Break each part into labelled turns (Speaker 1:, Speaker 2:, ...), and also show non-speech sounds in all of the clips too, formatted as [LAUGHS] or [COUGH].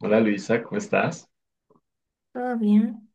Speaker 1: Hola Luisa, ¿cómo estás?
Speaker 2: Todo bien.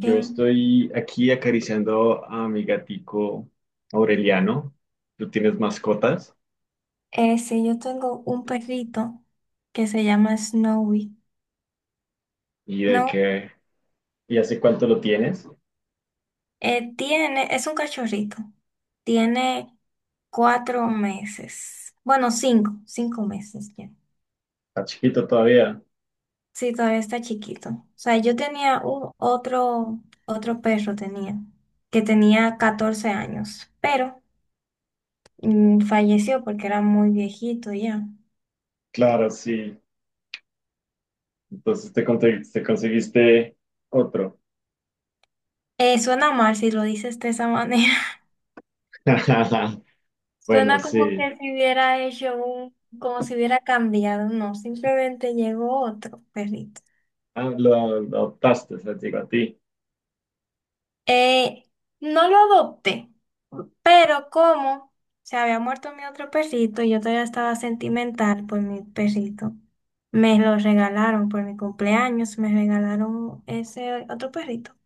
Speaker 2: Que,
Speaker 1: estoy aquí acariciando a mi gatico Aureliano. ¿Tú tienes mascotas?
Speaker 2: sí, yo tengo un perrito que se llama Snowy.
Speaker 1: ¿Y de
Speaker 2: No,
Speaker 1: qué? ¿Y hace cuánto lo tienes?
Speaker 2: es un cachorrito. Tiene 4 meses. Bueno, cinco meses ya.
Speaker 1: ¿Está chiquito todavía?
Speaker 2: Sí, todavía está chiquito. O sea, yo tenía otro perro tenía, que tenía 14 años, pero falleció porque era muy viejito ya.
Speaker 1: Claro, sí. Entonces te conseguiste otro.
Speaker 2: Suena mal si lo dices de esa manera.
Speaker 1: [LAUGHS] Bueno,
Speaker 2: Suena como
Speaker 1: sí.
Speaker 2: que si hubiera hecho como si hubiera cambiado, no, simplemente llegó otro perrito.
Speaker 1: Ah, lo adoptaste, se digo a ti.
Speaker 2: Eh, no lo adopté, pero como se había muerto mi otro perrito y yo todavía estaba sentimental por mi perrito, me lo regalaron por mi cumpleaños, me regalaron ese otro perrito.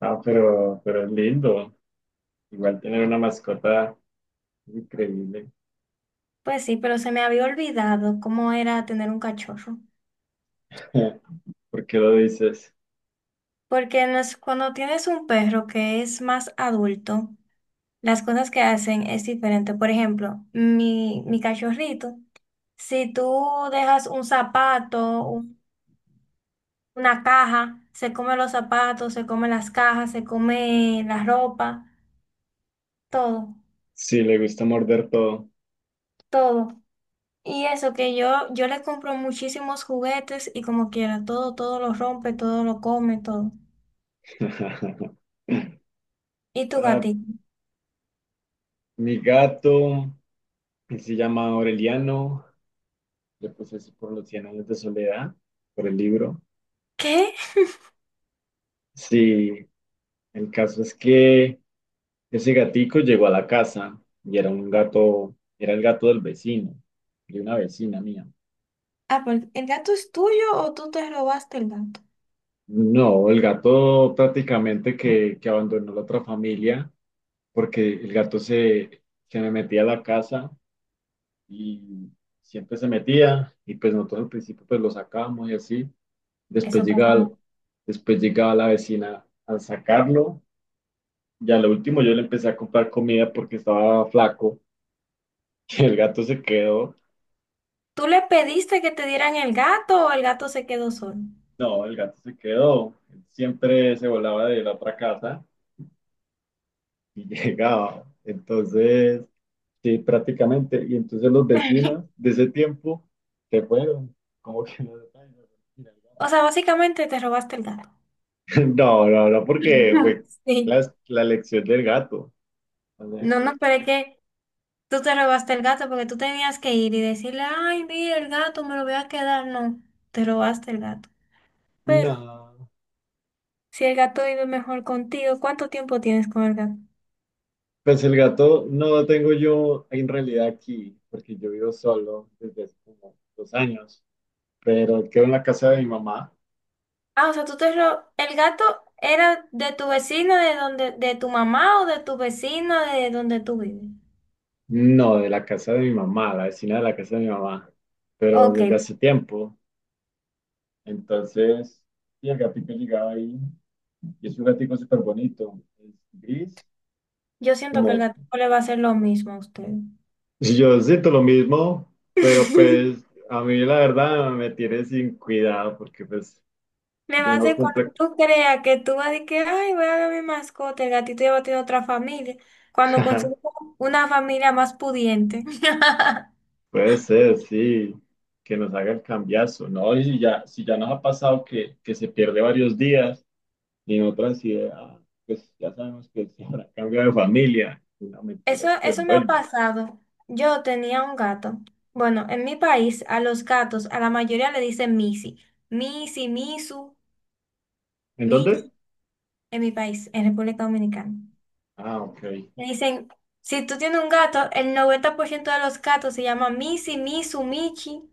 Speaker 1: Ah, pero es lindo. Igual tener una mascota es increíble.
Speaker 2: Pues sí, pero se me había olvidado cómo era tener un cachorro.
Speaker 1: [LAUGHS] ¿Por qué lo dices?
Speaker 2: Porque no es- cuando tienes un perro que es más adulto, las cosas que hacen es diferente. Por ejemplo, mi cachorrito, si tú dejas un zapato, una caja, se come los zapatos, se come las cajas, se come la ropa, todo,
Speaker 1: Sí, le gusta morder todo.
Speaker 2: todo. Y eso que yo le compro muchísimos juguetes y como quiera, todo, todo lo rompe, todo lo come, todo.
Speaker 1: [LAUGHS]
Speaker 2: ¿Y tu
Speaker 1: Ah,
Speaker 2: gatito?
Speaker 1: mi gato, él se llama Aureliano, le puse así por los Cien años de soledad, por el libro.
Speaker 2: ¿Qué?
Speaker 1: Sí, el caso es que ese gatico llegó a la casa y era un gato, era el gato del vecino, de una vecina mía.
Speaker 2: Ah, pues, ¿el gato es tuyo o tú te robaste el gato?
Speaker 1: No, el gato prácticamente que abandonó la otra familia porque el gato se me metía a la casa y siempre se metía y pues nosotros al principio pues lo sacábamos y así.
Speaker 2: Eso
Speaker 1: Después
Speaker 2: pasa.
Speaker 1: llegaba, Después llegaba la vecina a sacarlo y a lo último yo le empecé a comprar comida porque estaba flaco [LAUGHS] y el gato se quedó.
Speaker 2: ¿Tú le pediste que te dieran el gato o el gato se quedó solo?
Speaker 1: No, el gato se quedó. Él siempre se volaba de la otra casa y [LAUGHS] llegaba. Entonces, sí, prácticamente. Y entonces los vecinos de ese tiempo se fueron. Como que no [LAUGHS] se
Speaker 2: O sea, básicamente te robaste el gato.
Speaker 1: [LAUGHS] No, no, no, porque fue
Speaker 2: [LAUGHS] Sí.
Speaker 1: la lección del gato. O sea,
Speaker 2: No, no, pero es que tú te robaste el gato porque tú tenías que ir y decirle, ay, mira, el gato me lo voy a quedar. No, te robaste el gato. Pero
Speaker 1: no,
Speaker 2: si el gato vive mejor contigo, ¿cuánto tiempo tienes con el gato?
Speaker 1: pues el gato no lo tengo yo en realidad aquí, porque yo vivo solo desde hace como 2 años, pero él quedó en la casa de mi mamá.
Speaker 2: Ah, o sea, el gato era de tu vecino, de donde, de tu mamá o de tu vecino, de donde tú vives.
Speaker 1: No, de la casa de mi mamá, la vecina de la casa de mi mamá, pero
Speaker 2: Ok,
Speaker 1: desde hace tiempo. Entonces, y el gatito llegaba ahí, y es un gatito súper bonito, es gris,
Speaker 2: yo siento que el
Speaker 1: como.
Speaker 2: gato no le va a hacer lo mismo a usted.
Speaker 1: Yo siento lo mismo, pero
Speaker 2: [LAUGHS]
Speaker 1: pues a mí la verdad me tiene sin cuidado porque pues
Speaker 2: Nada
Speaker 1: yo
Speaker 2: más
Speaker 1: no
Speaker 2: de cuando
Speaker 1: cumple.
Speaker 2: tú creas que tú vas de que, ay, voy a ver a mi mascota, el gatito ya va a tener otra familia, cuando consigues
Speaker 1: [LAUGHS]
Speaker 2: una familia más pudiente. [LAUGHS]
Speaker 1: Puede ser, sí, que nos haga el cambiazo, ¿no? Y si ya nos ha pasado que se pierde varios días y en otras ideas pues ya sabemos que se habrá cambiado de familia. La mentira
Speaker 2: Eso,
Speaker 1: es que él
Speaker 2: eso me ha
Speaker 1: vuelve.
Speaker 2: pasado. Yo tenía un gato. Bueno, en mi país, a los gatos, a la mayoría le dicen Missy. Missy, Misu,
Speaker 1: ¿En dónde?
Speaker 2: Michi, en mi país, en República Dominicana.
Speaker 1: Ah, OK.
Speaker 2: Le dicen, si tú tienes un gato, el 90% de los gatos se llaman Missy, Misu, Michi.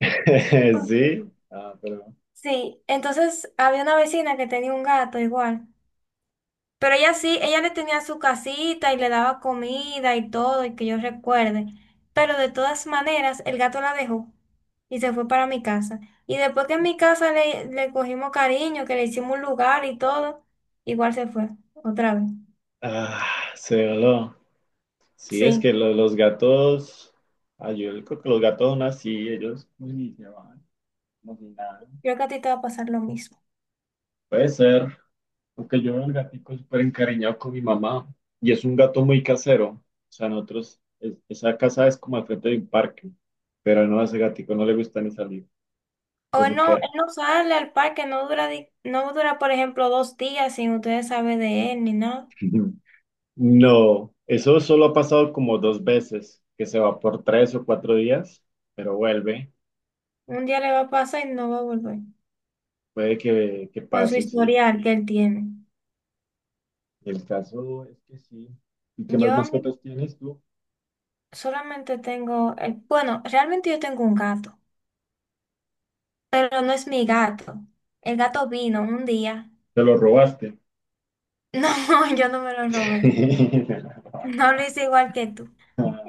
Speaker 1: [LAUGHS] Sí, ah, pero
Speaker 2: Sí, entonces había una vecina que tenía un gato igual, pero ella sí, ella le tenía su casita y le daba comida y todo, y que yo recuerde, pero de todas maneras el gato la dejó y se fue para mi casa. Y después que en mi casa le cogimos cariño, que le hicimos un lugar y todo, igual se fue, otra vez.
Speaker 1: ah, se voló. Sí, es
Speaker 2: Sí,
Speaker 1: que los gatos, ay, yo creo que los gatos son así, ellos pues, ni se van, como si nada.
Speaker 2: creo que a ti te va a pasar lo mismo.
Speaker 1: Puede ser, porque yo veo el gatico súper encariñado con mi mamá y es un gato muy casero. O sea, nosotros, esa casa es como al frente de un parque, pero no, a ese gatico no le gusta ni salir,
Speaker 2: O
Speaker 1: pues se queda.
Speaker 2: él no sale al parque, no dura, no dura, por ejemplo, 2 días sin ustedes saber de él ni nada.
Speaker 1: [LAUGHS] No, eso solo ha pasado como dos veces, que se va por 3 o 4 días, pero vuelve.
Speaker 2: Un día le va a pasar y no va a volver.
Speaker 1: Puede que
Speaker 2: Con su
Speaker 1: pase, sí.
Speaker 2: historial que él tiene.
Speaker 1: El caso es que sí. ¿Y qué más
Speaker 2: Yo a mí
Speaker 1: mascotas tienes tú?
Speaker 2: solamente tengo, bueno, realmente yo tengo un gato, pero no es mi gato. El gato vino un día.
Speaker 1: Te lo robaste.
Speaker 2: [LAUGHS] No, yo no me lo robé.
Speaker 1: [LAUGHS]
Speaker 2: No lo hice igual que tú.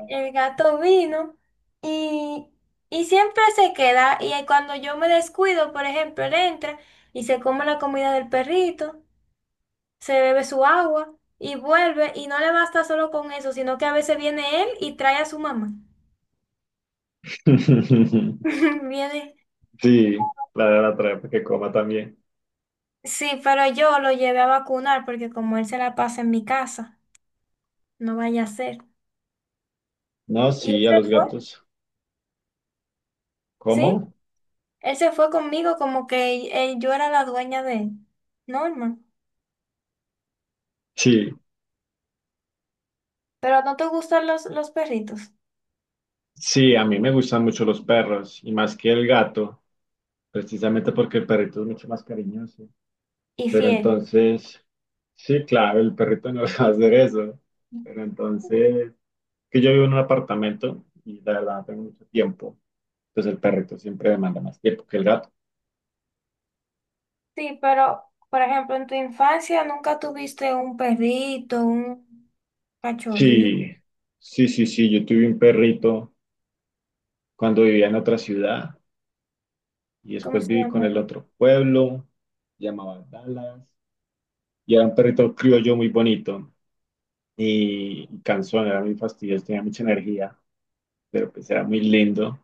Speaker 2: El gato vino y, y siempre se queda y ahí cuando yo me descuido, por ejemplo, él entra y se come la comida del perrito, se bebe su agua y vuelve y no le basta solo con eso, sino que a veces viene él y trae a su mamá. [LAUGHS] Viene.
Speaker 1: Sí, la de la traer para que coma también.
Speaker 2: Sí, pero yo lo llevé a vacunar porque como él se la pasa en mi casa, no vaya a ser.
Speaker 1: No,
Speaker 2: Y él
Speaker 1: sí, a los
Speaker 2: se fue,
Speaker 1: gatos.
Speaker 2: ¿sí?
Speaker 1: ¿Cómo?
Speaker 2: Él se fue conmigo como que yo era la dueña de él. Norman.
Speaker 1: Sí,
Speaker 2: Pero no te gustan los perritos.
Speaker 1: sí, a mí me gustan mucho los perros y más que el gato, precisamente porque el perrito es mucho más cariñoso.
Speaker 2: Y
Speaker 1: Pero
Speaker 2: fiel.
Speaker 1: entonces, sí, claro, el perrito no [LAUGHS] va a hacer eso. Pero entonces, que yo vivo en un apartamento y la verdad no tengo mucho tiempo. Pues el perrito siempre demanda más tiempo que el gato.
Speaker 2: Sí, pero, por ejemplo, en tu infancia nunca tuviste un perrito, un cachorrito.
Speaker 1: Sí, sí, sí, sí, yo tuve un perrito cuando vivía en otra ciudad y
Speaker 2: ¿Cómo
Speaker 1: después
Speaker 2: se
Speaker 1: viví con el
Speaker 2: llamaba?
Speaker 1: otro pueblo, llamaba Dallas, y era un perrito criollo muy bonito y cansón, era muy fastidioso, tenía mucha energía, pero pues era muy lindo.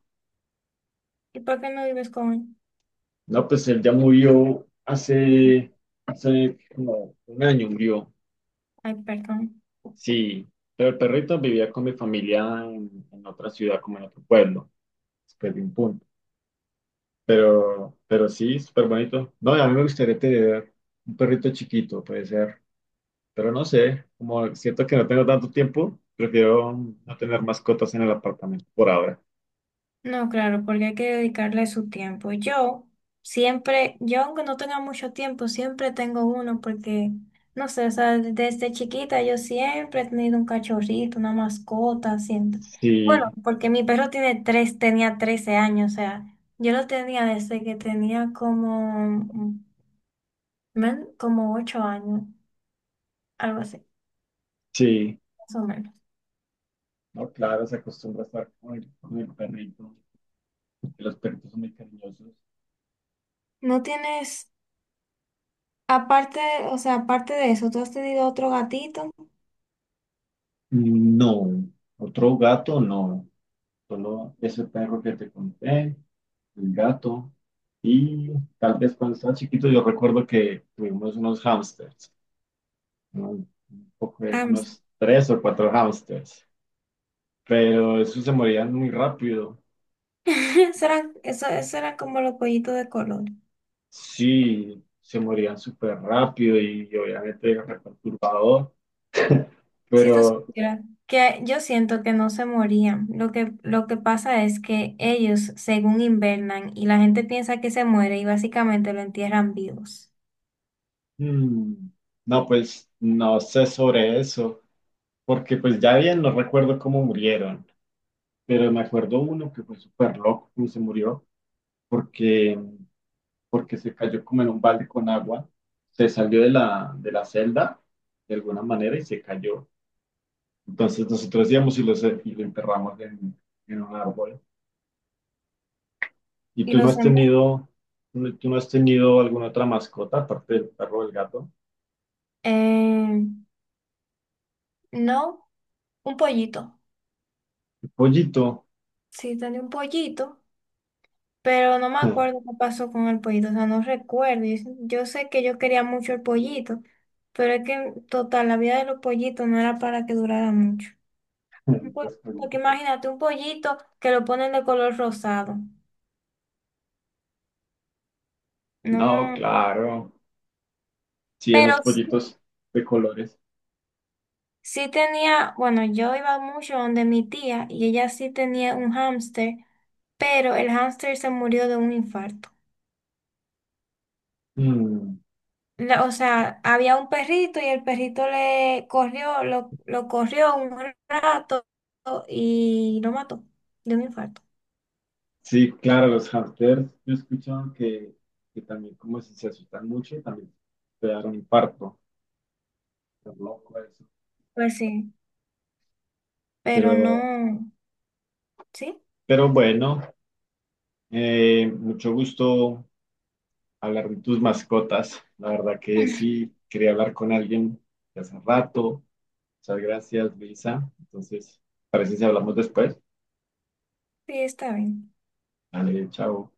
Speaker 2: ¿Y por qué no vives con él?
Speaker 1: No, pues él ya murió hace como un año murió,
Speaker 2: Ay, perdón.
Speaker 1: sí, pero el perrito vivía con mi familia en otra ciudad, como en otro pueblo, después de un punto. Pero sí, súper bonito. No, y a mí me gustaría tener un perrito chiquito, puede ser. Pero no sé, como siento que no tengo tanto tiempo, prefiero no tener mascotas en el apartamento por ahora.
Speaker 2: No, claro, porque hay que dedicarle su tiempo. Yo siempre, yo aunque no tenga mucho tiempo, siempre tengo uno porque, no sé, o sea, desde chiquita yo siempre he tenido un cachorrito, una mascota, siempre. Bueno,
Speaker 1: Sí,
Speaker 2: porque mi perro tiene tres, tenía 13 años, o sea, yo lo tenía desde que tenía como, como 8 años, algo así,
Speaker 1: sí.
Speaker 2: más o menos.
Speaker 1: No, claro, se acostumbra a estar con el perrito, que los perritos son muy cariñosos.
Speaker 2: ¿No tienes, aparte, o sea, aparte de eso, tú has tenido otro gatito?
Speaker 1: No, otro gato no. Solo ese perro que te conté, el gato. Y tal vez cuando estaba chiquito yo recuerdo que tuvimos unos hámsters. ¿No?
Speaker 2: Ah,
Speaker 1: Unos tres o cuatro hamsters, pero esos se morían muy rápido.
Speaker 2: [LAUGHS] eso era, eso era como los pollitos de color.
Speaker 1: Sí, se morían súper rápido y, obviamente era perturbador, [LAUGHS]
Speaker 2: Si tú
Speaker 1: pero
Speaker 2: supieras que yo siento que no se morían. Lo que pasa es que ellos, según invernan, y la gente piensa que se muere y básicamente lo entierran vivos.
Speaker 1: mm, no, pues no sé sobre eso, porque pues ya bien no recuerdo cómo murieron, pero me acuerdo uno que fue súper loco y se murió porque, porque se cayó como en un balde con agua, se salió de la celda de alguna manera y se cayó. Entonces nosotros íbamos y lo enterramos en un árbol. ¿Y
Speaker 2: ¿Y
Speaker 1: tú no
Speaker 2: los
Speaker 1: has
Speaker 2: demás?
Speaker 1: tenido, tú no has tenido alguna otra mascota aparte del perro o del gato?
Speaker 2: Eh, no, un pollito.
Speaker 1: El pollito.
Speaker 2: Sí, tenía un pollito, pero no me acuerdo qué pasó con el pollito. O sea, no recuerdo. Yo sé que yo quería mucho el pollito, pero es que, total, la vida de los pollitos no era para que durara mucho.
Speaker 1: [LAUGHS]
Speaker 2: Pues,
Speaker 1: Los
Speaker 2: porque
Speaker 1: pollitos.
Speaker 2: imagínate un pollito que lo ponen de color rosado.
Speaker 1: No,
Speaker 2: No,
Speaker 1: claro. Sí,
Speaker 2: pero
Speaker 1: esos
Speaker 2: sí,
Speaker 1: pollitos de colores.
Speaker 2: sí tenía, bueno, yo iba mucho donde mi tía y ella sí tenía un hámster, pero el hámster se murió de un infarto.
Speaker 1: Mm,
Speaker 2: O sea, había un perrito y el perrito le corrió, lo corrió un rato y lo mató de un infarto.
Speaker 1: sí, claro, los hamsters. Yo he escuchado que también como si se asustan mucho, también te dan un infarto. Es loco eso.
Speaker 2: Pues sí, pero
Speaker 1: Pero,
Speaker 2: no, sí,
Speaker 1: pero bueno, mucho gusto hablar de tus mascotas. La verdad que
Speaker 2: [LAUGHS] sí,
Speaker 1: sí, quería hablar con alguien de hace rato. Muchas gracias, Luisa. Entonces, parece si hablamos después.
Speaker 2: está bien.
Speaker 1: Dale, chao.